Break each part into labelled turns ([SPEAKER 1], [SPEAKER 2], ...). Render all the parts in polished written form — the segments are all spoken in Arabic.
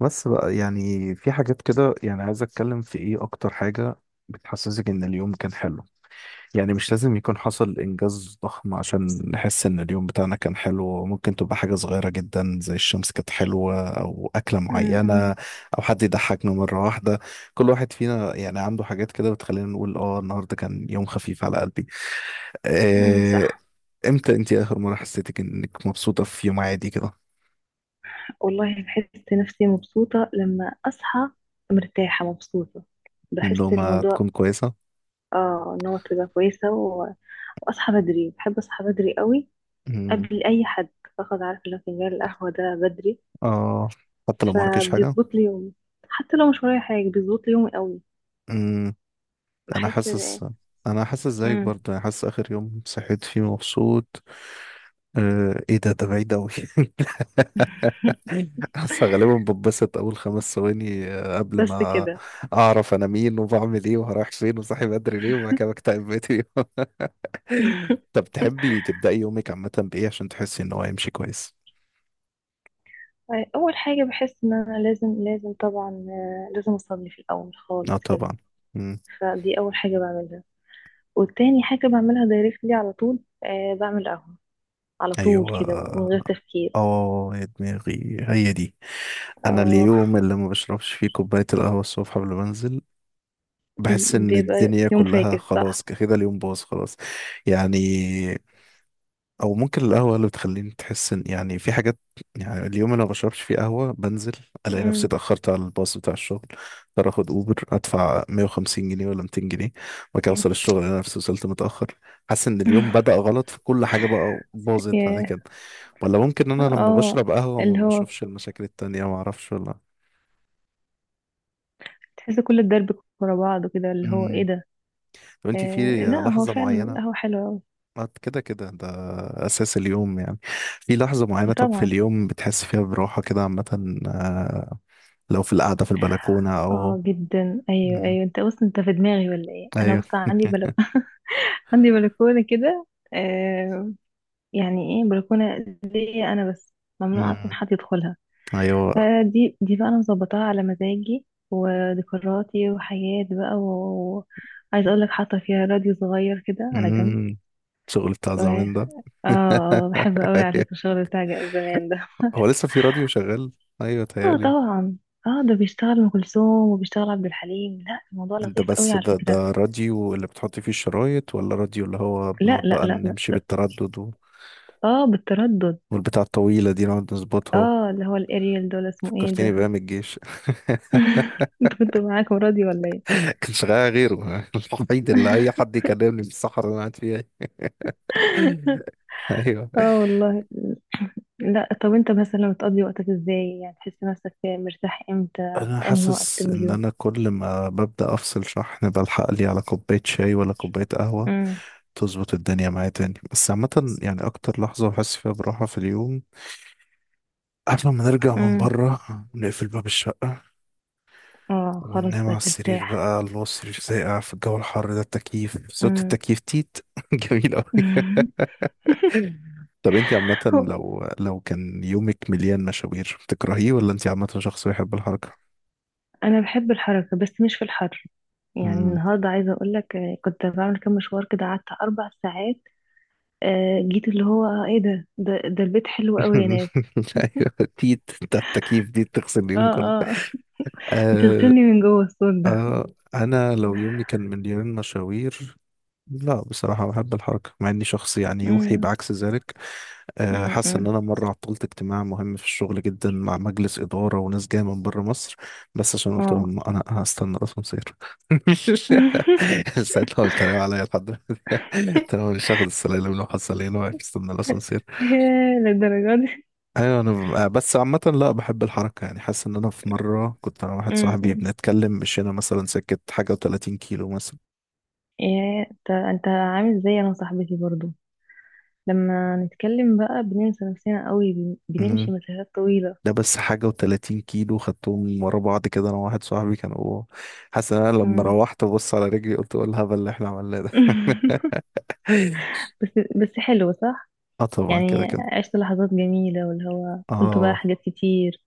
[SPEAKER 1] بس بقى يعني في حاجات كده، يعني عايز اتكلم في ايه اكتر حاجة بتحسسك ان اليوم كان حلو. يعني مش لازم يكون حصل انجاز ضخم عشان نحس ان اليوم بتاعنا كان حلو، ممكن تبقى حاجة صغيرة جدا، زي الشمس كانت حلوة او اكلة
[SPEAKER 2] أمم،
[SPEAKER 1] معينة او حد يضحكنا مرة واحدة. كل واحد فينا يعني عنده حاجات كده بتخلينا نقول اه النهاردة كان يوم خفيف على قلبي. آه،
[SPEAKER 2] صح.
[SPEAKER 1] امتى انتي اخر مرة حسيتك انك مبسوطة في يوم عادي كده؟
[SPEAKER 2] والله بحس نفسي مبسوطة لما أصحى، مرتاحة مبسوطة. بحس
[SPEAKER 1] النومة
[SPEAKER 2] الموضوع
[SPEAKER 1] تكون كويسة.
[SPEAKER 2] اه ان هو تبقى كويسة و... وأصحى بدري، بحب أصحى بدري قوي قبل أي حد. باخد عارف لو فنجان القهوة ده بدري
[SPEAKER 1] اه، حتى لو ما وراكيش حاجة.
[SPEAKER 2] فبيظبط لي يومي، حتى لو مش ورايا حاجة بيظبط لي يومي قوي
[SPEAKER 1] امم انا
[SPEAKER 2] بحس.
[SPEAKER 1] حاسس انا حاسس زيك
[SPEAKER 2] امم
[SPEAKER 1] برضه. انا حاسس اخر يوم صحيت فيه مبسوط، ايه ده بعيد اوي. حاسس غالبا بتبسط اول 5 ثواني، قبل
[SPEAKER 2] بس
[SPEAKER 1] ما
[SPEAKER 2] كده.
[SPEAKER 1] اعرف انا مين وبعمل ايه وهروح فين وصاحي بدري ليه، وبعد كده بكتئب بقيت اليوم. طب تحبي تبدأي يومك عامة بايه عشان تحسي ان هو هيمشي كويس؟
[SPEAKER 2] أول حاجة بحس إن أنا لازم، لازم طبعا آه، لازم أصلي في الأول
[SPEAKER 1] اه
[SPEAKER 2] خالص كده.
[SPEAKER 1] طبعا.
[SPEAKER 2] فدي أول حاجة بعملها، والتاني حاجة بعملها دايركتلي على طول، آه بعمل قهوة على طول
[SPEAKER 1] ايوه،
[SPEAKER 2] كده من غير تفكير.
[SPEAKER 1] اه يا دماغي هي دي. انا
[SPEAKER 2] اه
[SPEAKER 1] اليوم اللي ما بشربش فيه كوبايه القهوه الصبح قبل ما انزل، بحس ان
[SPEAKER 2] بيبقى
[SPEAKER 1] الدنيا
[SPEAKER 2] يوم
[SPEAKER 1] كلها
[SPEAKER 2] فاكس،
[SPEAKER 1] خلاص
[SPEAKER 2] صح.
[SPEAKER 1] كده، اليوم باظ خلاص. يعني، او ممكن القهوه اللي بتخليني تحس ان يعني في حاجات. يعني اليوم اللي ما بشربش فيه قهوه بنزل، الاقي نفسي
[SPEAKER 2] مم.
[SPEAKER 1] اتاخرت على الباص بتاع الشغل، اضطر اخد اوبر ادفع 150 جنيه ولا 200 جنيه، وبعد كده
[SPEAKER 2] مم.
[SPEAKER 1] اوصل الشغل انا نفسي وصلت متاخر. حاسس ان اليوم بدأ غلط، في كل حاجه بقى باظت بعد
[SPEAKER 2] ياه.
[SPEAKER 1] كده. ولا ممكن انا لما
[SPEAKER 2] اه
[SPEAKER 1] بشرب قهوة
[SPEAKER 2] اللي
[SPEAKER 1] ما
[SPEAKER 2] هو
[SPEAKER 1] بشوفش المشاكل التانية، ما اعرفش. ولا،
[SPEAKER 2] تحس كل الدرب ورا بعض، كده اللي هو ايه
[SPEAKER 1] امم
[SPEAKER 2] ده.
[SPEAKER 1] طب انت في
[SPEAKER 2] لا، هو
[SPEAKER 1] لحظة
[SPEAKER 2] فعلا
[SPEAKER 1] معينة،
[SPEAKER 2] القهوة حلوة أوي.
[SPEAKER 1] ما أنت كده كده ده، اساس اليوم يعني. في لحظة معينة، طب في
[SPEAKER 2] طبعا.
[SPEAKER 1] اليوم بتحس فيها براحة كده عامة، لو في القعدة في البلكونة او.
[SPEAKER 2] اه جدا، ايوه
[SPEAKER 1] مم.
[SPEAKER 2] ايوه، انت بص، انت في دماغي ولا ايه؟ انا
[SPEAKER 1] ايوه.
[SPEAKER 2] بص، عندي بل... عندي بلكونة كده. آه، يعني ايه، بلكونة ليا انا بس، ممنوع اصلا
[SPEAKER 1] مم.
[SPEAKER 2] حد يدخلها.
[SPEAKER 1] ايوه.
[SPEAKER 2] فدي دي بقى انا مظبطاها على مزاجي وذكرياتي وحياتي بقى، وعايز اقول لك حاطه فيها راديو صغير كده على جنب
[SPEAKER 1] مم. الشغل بتاع
[SPEAKER 2] و...
[SPEAKER 1] زمان ده.
[SPEAKER 2] اه بحب قوي على فكره
[SPEAKER 1] ايوه،
[SPEAKER 2] الشغل بتاع زمان ده.
[SPEAKER 1] هو لسه في راديو شغال؟ ايوه
[SPEAKER 2] اه
[SPEAKER 1] تهيألي.
[SPEAKER 2] طبعا. اه ده بيشتغل ام كلثوم وبيشتغل عبد الحليم، لا الموضوع
[SPEAKER 1] انت
[SPEAKER 2] لطيف قوي
[SPEAKER 1] بس
[SPEAKER 2] على
[SPEAKER 1] ده
[SPEAKER 2] فكره.
[SPEAKER 1] ده راديو اللي بتحط فيه الشرايط، ولا راديو اللي هو
[SPEAKER 2] لا
[SPEAKER 1] بنقعد
[SPEAKER 2] لا
[SPEAKER 1] بقى
[SPEAKER 2] لا لا
[SPEAKER 1] نمشي بالتردد و...
[SPEAKER 2] اه بالتردد.
[SPEAKER 1] والبتاع الطويلة دي نقعد نظبطها.
[SPEAKER 2] اه اللي هو الاريال، دول اسمه ايه
[SPEAKER 1] فكرتني
[SPEAKER 2] ده.
[SPEAKER 1] بأيام الجيش.
[SPEAKER 2] انت كنت معاكم راديو ولا ايه؟
[SPEAKER 1] كان شغال غيره. الوحيد اللي أي حد يكلمني في الصحراء اللي أنا قاعد فيها. أيوه.
[SPEAKER 2] اه والله. لا، طب انت مثلا بتقضي وقتك ازاي؟ يعني تحس نفسك مرتاح امتى،
[SPEAKER 1] أنا
[SPEAKER 2] في انهي وقت
[SPEAKER 1] حاسس
[SPEAKER 2] من
[SPEAKER 1] إن
[SPEAKER 2] اليوم؟
[SPEAKER 1] أنا كل ما ببدأ أفصل شحن بلحق لي على كوباية شاي ولا كوباية قهوة،
[SPEAKER 2] امم
[SPEAKER 1] تظبط الدنيا معايا تاني. بس عامة يعني أكتر لحظة بحس فيها براحة في اليوم، قبل ما نرجع من
[SPEAKER 2] امم
[SPEAKER 1] بره، نقفل باب الشقة
[SPEAKER 2] اه خلاص
[SPEAKER 1] وننام على
[SPEAKER 2] بقى
[SPEAKER 1] السرير.
[SPEAKER 2] ترتاح.
[SPEAKER 1] بقى الله، السرير ساقع في الجو الحر ده، التكييف، صوت
[SPEAKER 2] امم
[SPEAKER 1] التكييف، تيت. جميل أوي. طب انت عامة،
[SPEAKER 2] هو
[SPEAKER 1] لو كان يومك مليان مشاوير بتكرهيه، ولا انت عامة شخص بيحب الحركة؟
[SPEAKER 2] انا بحب الحركه بس مش في الحر. يعني
[SPEAKER 1] مم.
[SPEAKER 2] النهارده عايزه اقول لك، كنت بعمل كام مشوار كده، قعدت اربع ساعات. جيت اللي هو، ايه ده البيت حلو قوي يا ناس.
[SPEAKER 1] ايوه، تيت بتاع التكييف دي تغسل اليوم
[SPEAKER 2] اه
[SPEAKER 1] كله.
[SPEAKER 2] اه
[SPEAKER 1] آه.
[SPEAKER 2] بتغسلني من جوه الصوت ده.
[SPEAKER 1] آه. انا لو يومي كان مليان مشاوير، لا بصراحة بحب الحركة، مع اني شخص يعني يوحي
[SPEAKER 2] امم
[SPEAKER 1] بعكس ذلك. حاسس ان
[SPEAKER 2] أمم.
[SPEAKER 1] انا مره عطلت اجتماع مهم في الشغل جدا، مع مجلس اداره وناس جايه من بره مصر، بس عشان قلت
[SPEAKER 2] اه
[SPEAKER 1] لهم انا هستنى الاسانسير. ساعتها قلت عليا عليا لحد، قلت لهم مش هاخد السلالم، لو حصل ايه، لو واقف استنى الاسانسير.
[SPEAKER 2] ياه، للدرجه دي؟
[SPEAKER 1] ايوه انا بس عامه لا بحب الحركه. يعني حاسس ان انا في مره كنت انا واحد صاحبي
[SPEAKER 2] امم
[SPEAKER 1] بنتكلم، مشينا مثلا سكه حاجه و30 كيلو
[SPEAKER 2] ايه، انت عامل زي انا وصاحبتي برضو. لما نتكلم بقى بننسى نفسنا قوي، بنمشي
[SPEAKER 1] مثلا.
[SPEAKER 2] مسافات طويلة.
[SPEAKER 1] ده بس حاجة و30 كيلو خدتهم ورا بعض كده، أنا وواحد صاحبي كانوا. حاسس إن أنا لما
[SPEAKER 2] مم.
[SPEAKER 1] روحت ببص على رجلي قلت إيه الهبل اللي إحنا عملناه ده.
[SPEAKER 2] بس بس حلو صح.
[SPEAKER 1] آه طبعا كده
[SPEAKER 2] يعني
[SPEAKER 1] كده.
[SPEAKER 2] عشت لحظات جميلة واللي هو قلت بقى
[SPEAKER 1] آه،
[SPEAKER 2] حاجات كتير.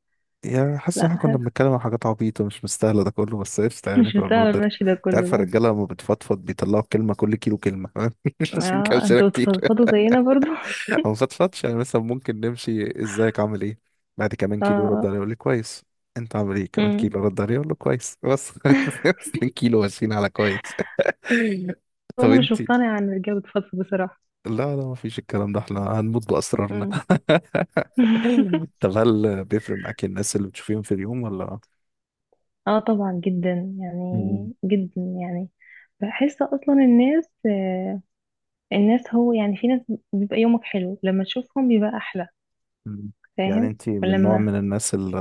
[SPEAKER 1] يا حاسس إن إحنا
[SPEAKER 2] لا
[SPEAKER 1] كنا
[SPEAKER 2] حلو.
[SPEAKER 1] بنتكلم عن حاجات عبيطة مش مستاهلة ده كله، بس قشطة يعني
[SPEAKER 2] مش
[SPEAKER 1] كنا
[SPEAKER 2] مستاهل
[SPEAKER 1] بنقدر.
[SPEAKER 2] المشي ده
[SPEAKER 1] أنت
[SPEAKER 2] كله
[SPEAKER 1] عارفة
[SPEAKER 2] ده.
[SPEAKER 1] الرجالة لما بتفضفض بيطلعوا كلمة كل كيلو كلمة. عشان
[SPEAKER 2] اه
[SPEAKER 1] كده
[SPEAKER 2] انتوا
[SPEAKER 1] كتير
[SPEAKER 2] بتفضفضوا زينا برضو.
[SPEAKER 1] او مفطفتش، يعني مثلا ممكن نمشي ازيك عامل ايه، بعد كمان
[SPEAKER 2] اه
[SPEAKER 1] كيلو رد عليه
[SPEAKER 2] آه.
[SPEAKER 1] يقول لي كويس. انت عامل ايه؟ كمان
[SPEAKER 2] مم.
[SPEAKER 1] كيلو رد عليه يقول له كويس بس. 2 كيلو ماشيين على كويس. طب
[SPEAKER 2] وانا مش
[SPEAKER 1] انت،
[SPEAKER 2] مقتنعة ان الرجالة بتفضفض بصراحة.
[SPEAKER 1] لا لا ما فيش الكلام ده، احنا هنموت باسرارنا.
[SPEAKER 2] مم.
[SPEAKER 1] طب هل بيفرق معاك الناس اللي بتشوفيهم في اليوم ولا؟
[SPEAKER 2] اه طبعا جدا،
[SPEAKER 1] مم.
[SPEAKER 2] يعني جدا يعني. بحس اصلا الناس، الناس هو يعني في ناس بيبقى يومك حلو لما تشوفهم، بيبقى احلى.
[SPEAKER 1] مم. يعني
[SPEAKER 2] فاهم.
[SPEAKER 1] انت من نوع
[SPEAKER 2] ولما
[SPEAKER 1] من الناس اللي،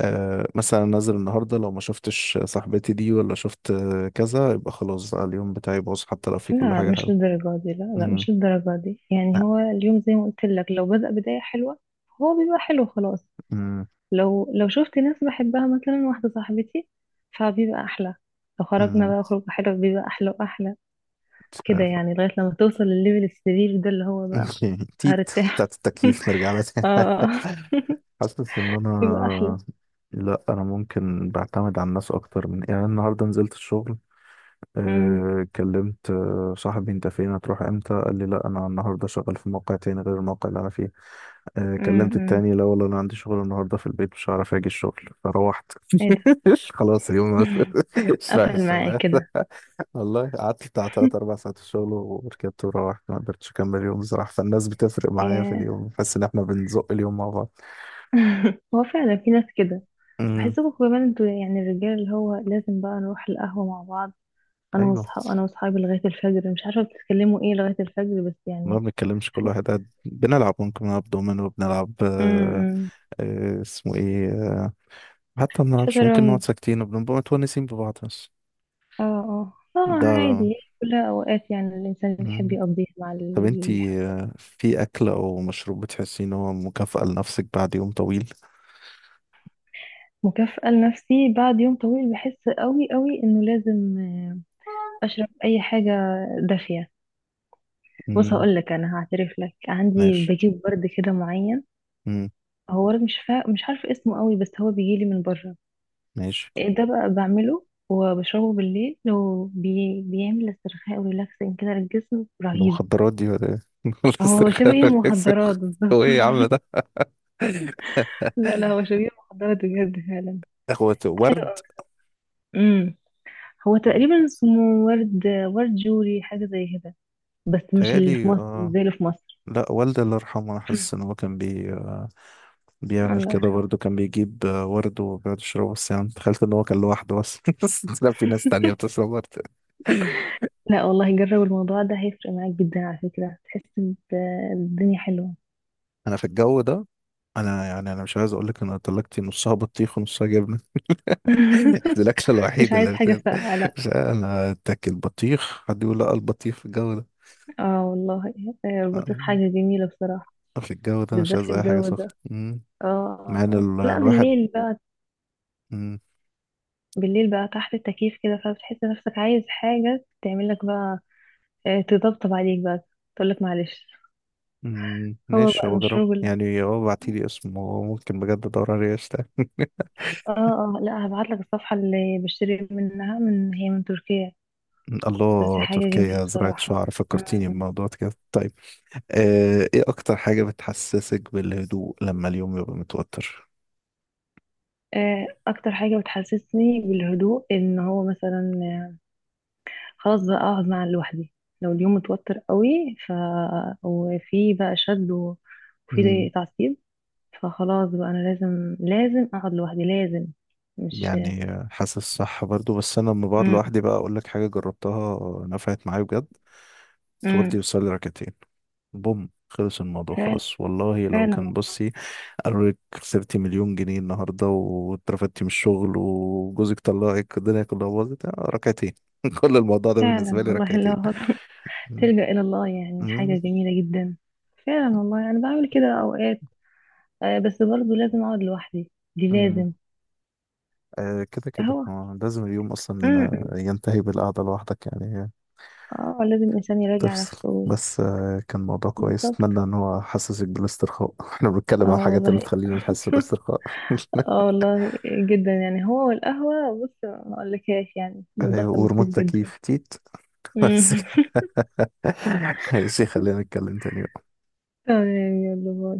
[SPEAKER 1] مثلا نازل النهارده لو ما شفتش صاحبتي دي ولا شفت، كذا يبقى خلاص بقى اليوم بتاعي باظ، حتى لو في كل
[SPEAKER 2] لا،
[SPEAKER 1] حاجه
[SPEAKER 2] مش
[SPEAKER 1] حلوه.
[SPEAKER 2] للدرجة دي، لا
[SPEAKER 1] مم.
[SPEAKER 2] مش للدرجة دي. يعني
[SPEAKER 1] لا.
[SPEAKER 2] هو اليوم زي ما قلت لك، لو بدأ بداية حلوة هو بيبقى حلو خلاص.
[SPEAKER 1] مم.
[SPEAKER 2] لو شفت ناس بحبها، مثلا واحدة صاحبتي، فبيبقى احلى. لو خرجنا
[SPEAKER 1] مم.
[SPEAKER 2] بقى خروج حلو، بيبقى احلى واحلى.
[SPEAKER 1] مش
[SPEAKER 2] كده
[SPEAKER 1] عارف.
[SPEAKER 2] يعني لغاية لما توصل للليفل السرير ده، اللي هو بقى
[SPEAKER 1] اوكي، تيت.
[SPEAKER 2] هرتاح.
[SPEAKER 1] بتاعت التكييف نرجع لها تاني.
[SPEAKER 2] اه
[SPEAKER 1] حاسس ان
[SPEAKER 2] يبقى احلى.
[SPEAKER 1] انا، لا انا ممكن بعتمد على الناس اكتر من، يعني أنا النهارده نزلت الشغل،
[SPEAKER 2] امم
[SPEAKER 1] كلمت صاحبي، انت فين هتروح امتى؟ قال لي لا انا النهارده شغال في موقع تاني غير الموقع اللي انا فيه. كلمت
[SPEAKER 2] امم
[SPEAKER 1] التاني، لا والله انا عندي شغل النهارده في البيت مش هعرف اجي الشغل. فروحت،
[SPEAKER 2] ايه ده.
[SPEAKER 1] خلاص اليوم، مش رايح
[SPEAKER 2] قفل معايا
[SPEAKER 1] الشغل.
[SPEAKER 2] كده.
[SPEAKER 1] والله قعدت بتاع تلات أربع ساعات في الشغل، وركبت وروحت، ما قدرتش أكمل اليوم بصراحة. فالناس بتفرق معايا في
[SPEAKER 2] إيه،
[SPEAKER 1] اليوم، بحس إن إحنا بنزق اليوم مع بعض.
[SPEAKER 2] هو فعلا في ناس كده.
[SPEAKER 1] امم،
[SPEAKER 2] بحسكم كمان انتوا يعني الرجال اللي هو لازم بقى نروح القهوة مع بعض.
[SPEAKER 1] أيوه
[SPEAKER 2] انا واصحابي لغاية الفجر، مش عارفة بتتكلموا ايه لغاية الفجر، بس
[SPEAKER 1] ما
[SPEAKER 2] يعني.
[SPEAKER 1] بنتكلمش، كل
[SPEAKER 2] حس.
[SPEAKER 1] واحد قاعد. بنلعب، ممكن نلعب دومينو، وبنلعب آه،
[SPEAKER 2] امم
[SPEAKER 1] آه اسمه إيه آه. حتى ما بنلعبش، ممكن
[SPEAKER 2] شطرنج.
[SPEAKER 1] نقعد ساكتين وبنبقى متونسين ببعض بس.
[SPEAKER 2] اه
[SPEAKER 1] ده لا.
[SPEAKER 2] عادي، كلها اوقات يعني الانسان بيحب
[SPEAKER 1] مم.
[SPEAKER 2] يقضيها مع
[SPEAKER 1] طب
[SPEAKER 2] اللي
[SPEAKER 1] أنتي،
[SPEAKER 2] بيحبه.
[SPEAKER 1] في أكل أو مشروب بتحسي إن هو مكافأة لنفسك بعد يوم طويل؟
[SPEAKER 2] مكافأة لنفسي بعد يوم طويل، بحس قوي قوي انه لازم اشرب اي حاجه دافيه. بص
[SPEAKER 1] مم.
[SPEAKER 2] هقول لك، انا هعترف لك، عندي
[SPEAKER 1] ماشي.
[SPEAKER 2] بجيب ورد كده معين.
[SPEAKER 1] مم.
[SPEAKER 2] هو ورد مش عارفه اسمه قوي، بس هو بيجي لي من بره.
[SPEAKER 1] ماشي.
[SPEAKER 2] إيه ده بقى، بعمله وبشربه بالليل، بيعمل استرخاء وريلاكسنج كده للجسم، رهيب.
[SPEAKER 1] المخدرات دي ولا ايه؟ ولا
[SPEAKER 2] هو
[SPEAKER 1] استرخاء
[SPEAKER 2] شبيه
[SPEAKER 1] ولا إكس-.
[SPEAKER 2] المخدرات
[SPEAKER 1] هو
[SPEAKER 2] بالظبط.
[SPEAKER 1] ايه يا عم ده؟
[SPEAKER 2] لا هو شبيه المخدرات بجد فعلا.
[SPEAKER 1] هو
[SPEAKER 2] حلو
[SPEAKER 1] ورد؟
[SPEAKER 2] قوي. امم هو تقريبا اسمه ورد، ورد جوري، حاجه زي كده، بس مش اللي في
[SPEAKER 1] تهيألي
[SPEAKER 2] مصر، مش
[SPEAKER 1] آه.
[SPEAKER 2] زي اللي في مصر.
[SPEAKER 1] لا والدي الله يرحمه، أنا حاسس إن هو كان بي آه، بيعمل
[SPEAKER 2] الله
[SPEAKER 1] كده
[SPEAKER 2] يرحمه.
[SPEAKER 1] برضه، كان بيجيب آه ورد وبيقعد يشربه، بس يعني تخيلت إن هو كان لوحده بس. بس لا، في ناس تانية بتشرب ورد.
[SPEAKER 2] لا والله، جرب الموضوع ده هيفرق معاك جدا على فكرة، تحس بالدنيا حلوة.
[SPEAKER 1] أنا في الجو ده، أنا يعني أنا مش عايز أقول لك إن انا طلقتي نصها بطيخ ونصها جبنة. دي الأكلة
[SPEAKER 2] مش
[SPEAKER 1] الوحيدة
[SPEAKER 2] عايز
[SPEAKER 1] اللي
[SPEAKER 2] حاجة
[SPEAKER 1] بت-.
[SPEAKER 2] ساقعة، لا.
[SPEAKER 1] مش عارف، أنا أتاكل بطيخ حد يقول لا، البطيخ في الجو
[SPEAKER 2] اه والله. البطيخ حاجة
[SPEAKER 1] ده،
[SPEAKER 2] جميلة بصراحة.
[SPEAKER 1] في الجو ده مش
[SPEAKER 2] بالذات
[SPEAKER 1] عايز
[SPEAKER 2] في
[SPEAKER 1] اي حاجه
[SPEAKER 2] الجو
[SPEAKER 1] سخنه.
[SPEAKER 2] ده.
[SPEAKER 1] مم.
[SPEAKER 2] اه
[SPEAKER 1] مع ان ال-
[SPEAKER 2] لا
[SPEAKER 1] الواحد.
[SPEAKER 2] بالليل بقى،
[SPEAKER 1] مم.
[SPEAKER 2] بالليل بقى تحت التكييف كده، فبتحس نفسك عايز حاجة تعمل لك بقى، تطبطب عليك بقى، تقول لك معلش.
[SPEAKER 1] مم.
[SPEAKER 2] هو
[SPEAKER 1] ماشي،
[SPEAKER 2] بقى
[SPEAKER 1] هو جرب،
[SPEAKER 2] المشروب اللي،
[SPEAKER 1] يعني هو بعتيلي اسمه ممكن بجد ادور عليه اشتغل.
[SPEAKER 2] اه لا هبعت لك الصفحة اللي بشتري منها، من تركيا. بس
[SPEAKER 1] الله،
[SPEAKER 2] حاجة جميلة
[SPEAKER 1] تركيا زراعة
[SPEAKER 2] بصراحة.
[SPEAKER 1] شعر، فكرتيني بموضوع كده. طيب ايه اكتر حاجة بتحسسك بالهدوء لما اليوم يبقى متوتر؟
[SPEAKER 2] اكتر حاجه بتحسسني بالهدوء ان هو مثلا، خلاص بقى اقعد مع لوحدي، لو اليوم متوتر قوي، ف وفي بقى شد و-
[SPEAKER 1] مم.
[SPEAKER 2] وفي تعصيب، فخلاص بقى انا لازم، لازم اقعد لوحدي، لازم. مش.
[SPEAKER 1] يعني حاسس صح برضو، بس انا لما بقعد
[SPEAKER 2] امم
[SPEAKER 1] لوحدي بقى اقول لك حاجة جربتها نفعت معايا بجد.
[SPEAKER 2] امم
[SPEAKER 1] تودي وصلي ركعتين، بوم خلص الموضوع
[SPEAKER 2] فعلا،
[SPEAKER 1] خلاص والله، لو
[SPEAKER 2] فعلا.
[SPEAKER 1] كان بصي قالوا لك خسرتي 1,000,000 جنيه النهارده، واترفدتي من الشغل، وجوزك طلعك، الدنيا كلها باظت، آه، ركعتين. كل الموضوع ده
[SPEAKER 2] فعلا
[SPEAKER 1] بالنسبه لي
[SPEAKER 2] والله
[SPEAKER 1] ركعتين.
[SPEAKER 2] لو
[SPEAKER 1] مم.
[SPEAKER 2] تلجأ الى الله، يعني
[SPEAKER 1] مم.
[SPEAKER 2] حاجه جميله جدا. فعلا والله، يعني بعمل كده اوقات. بس برضه لازم اقعد لوحدي، دي
[SPEAKER 1] مم.
[SPEAKER 2] لازم.
[SPEAKER 1] آه كده كده،
[SPEAKER 2] هو.
[SPEAKER 1] لازم اليوم اصلا
[SPEAKER 2] امم
[SPEAKER 1] ينتهي بالقعده لوحدك يعني.
[SPEAKER 2] اه لازم الانسان يراجع
[SPEAKER 1] تفصل.
[SPEAKER 2] نفسه.
[SPEAKER 1] بس آه كان موضوع كويس،
[SPEAKER 2] بالظبط.
[SPEAKER 1] اتمنى ان هو حسسك بالاسترخاء. احنا بنتكلم عن
[SPEAKER 2] اه
[SPEAKER 1] الحاجات اللي
[SPEAKER 2] والله.
[SPEAKER 1] تخلينا نحس بالاسترخاء.
[SPEAKER 2] اه والله جدا، يعني هو والقهوة، بص ما اقولكهاش، يعني الموضوع
[SPEAKER 1] ايوه،
[SPEAKER 2] كان لطيف
[SPEAKER 1] وريموت
[SPEAKER 2] جدا.
[SPEAKER 1] تكييف تيت. بس
[SPEAKER 2] مم.
[SPEAKER 1] كده. ماشي، خلينا نتكلم تاني.
[SPEAKER 2] تمام، يلا باي.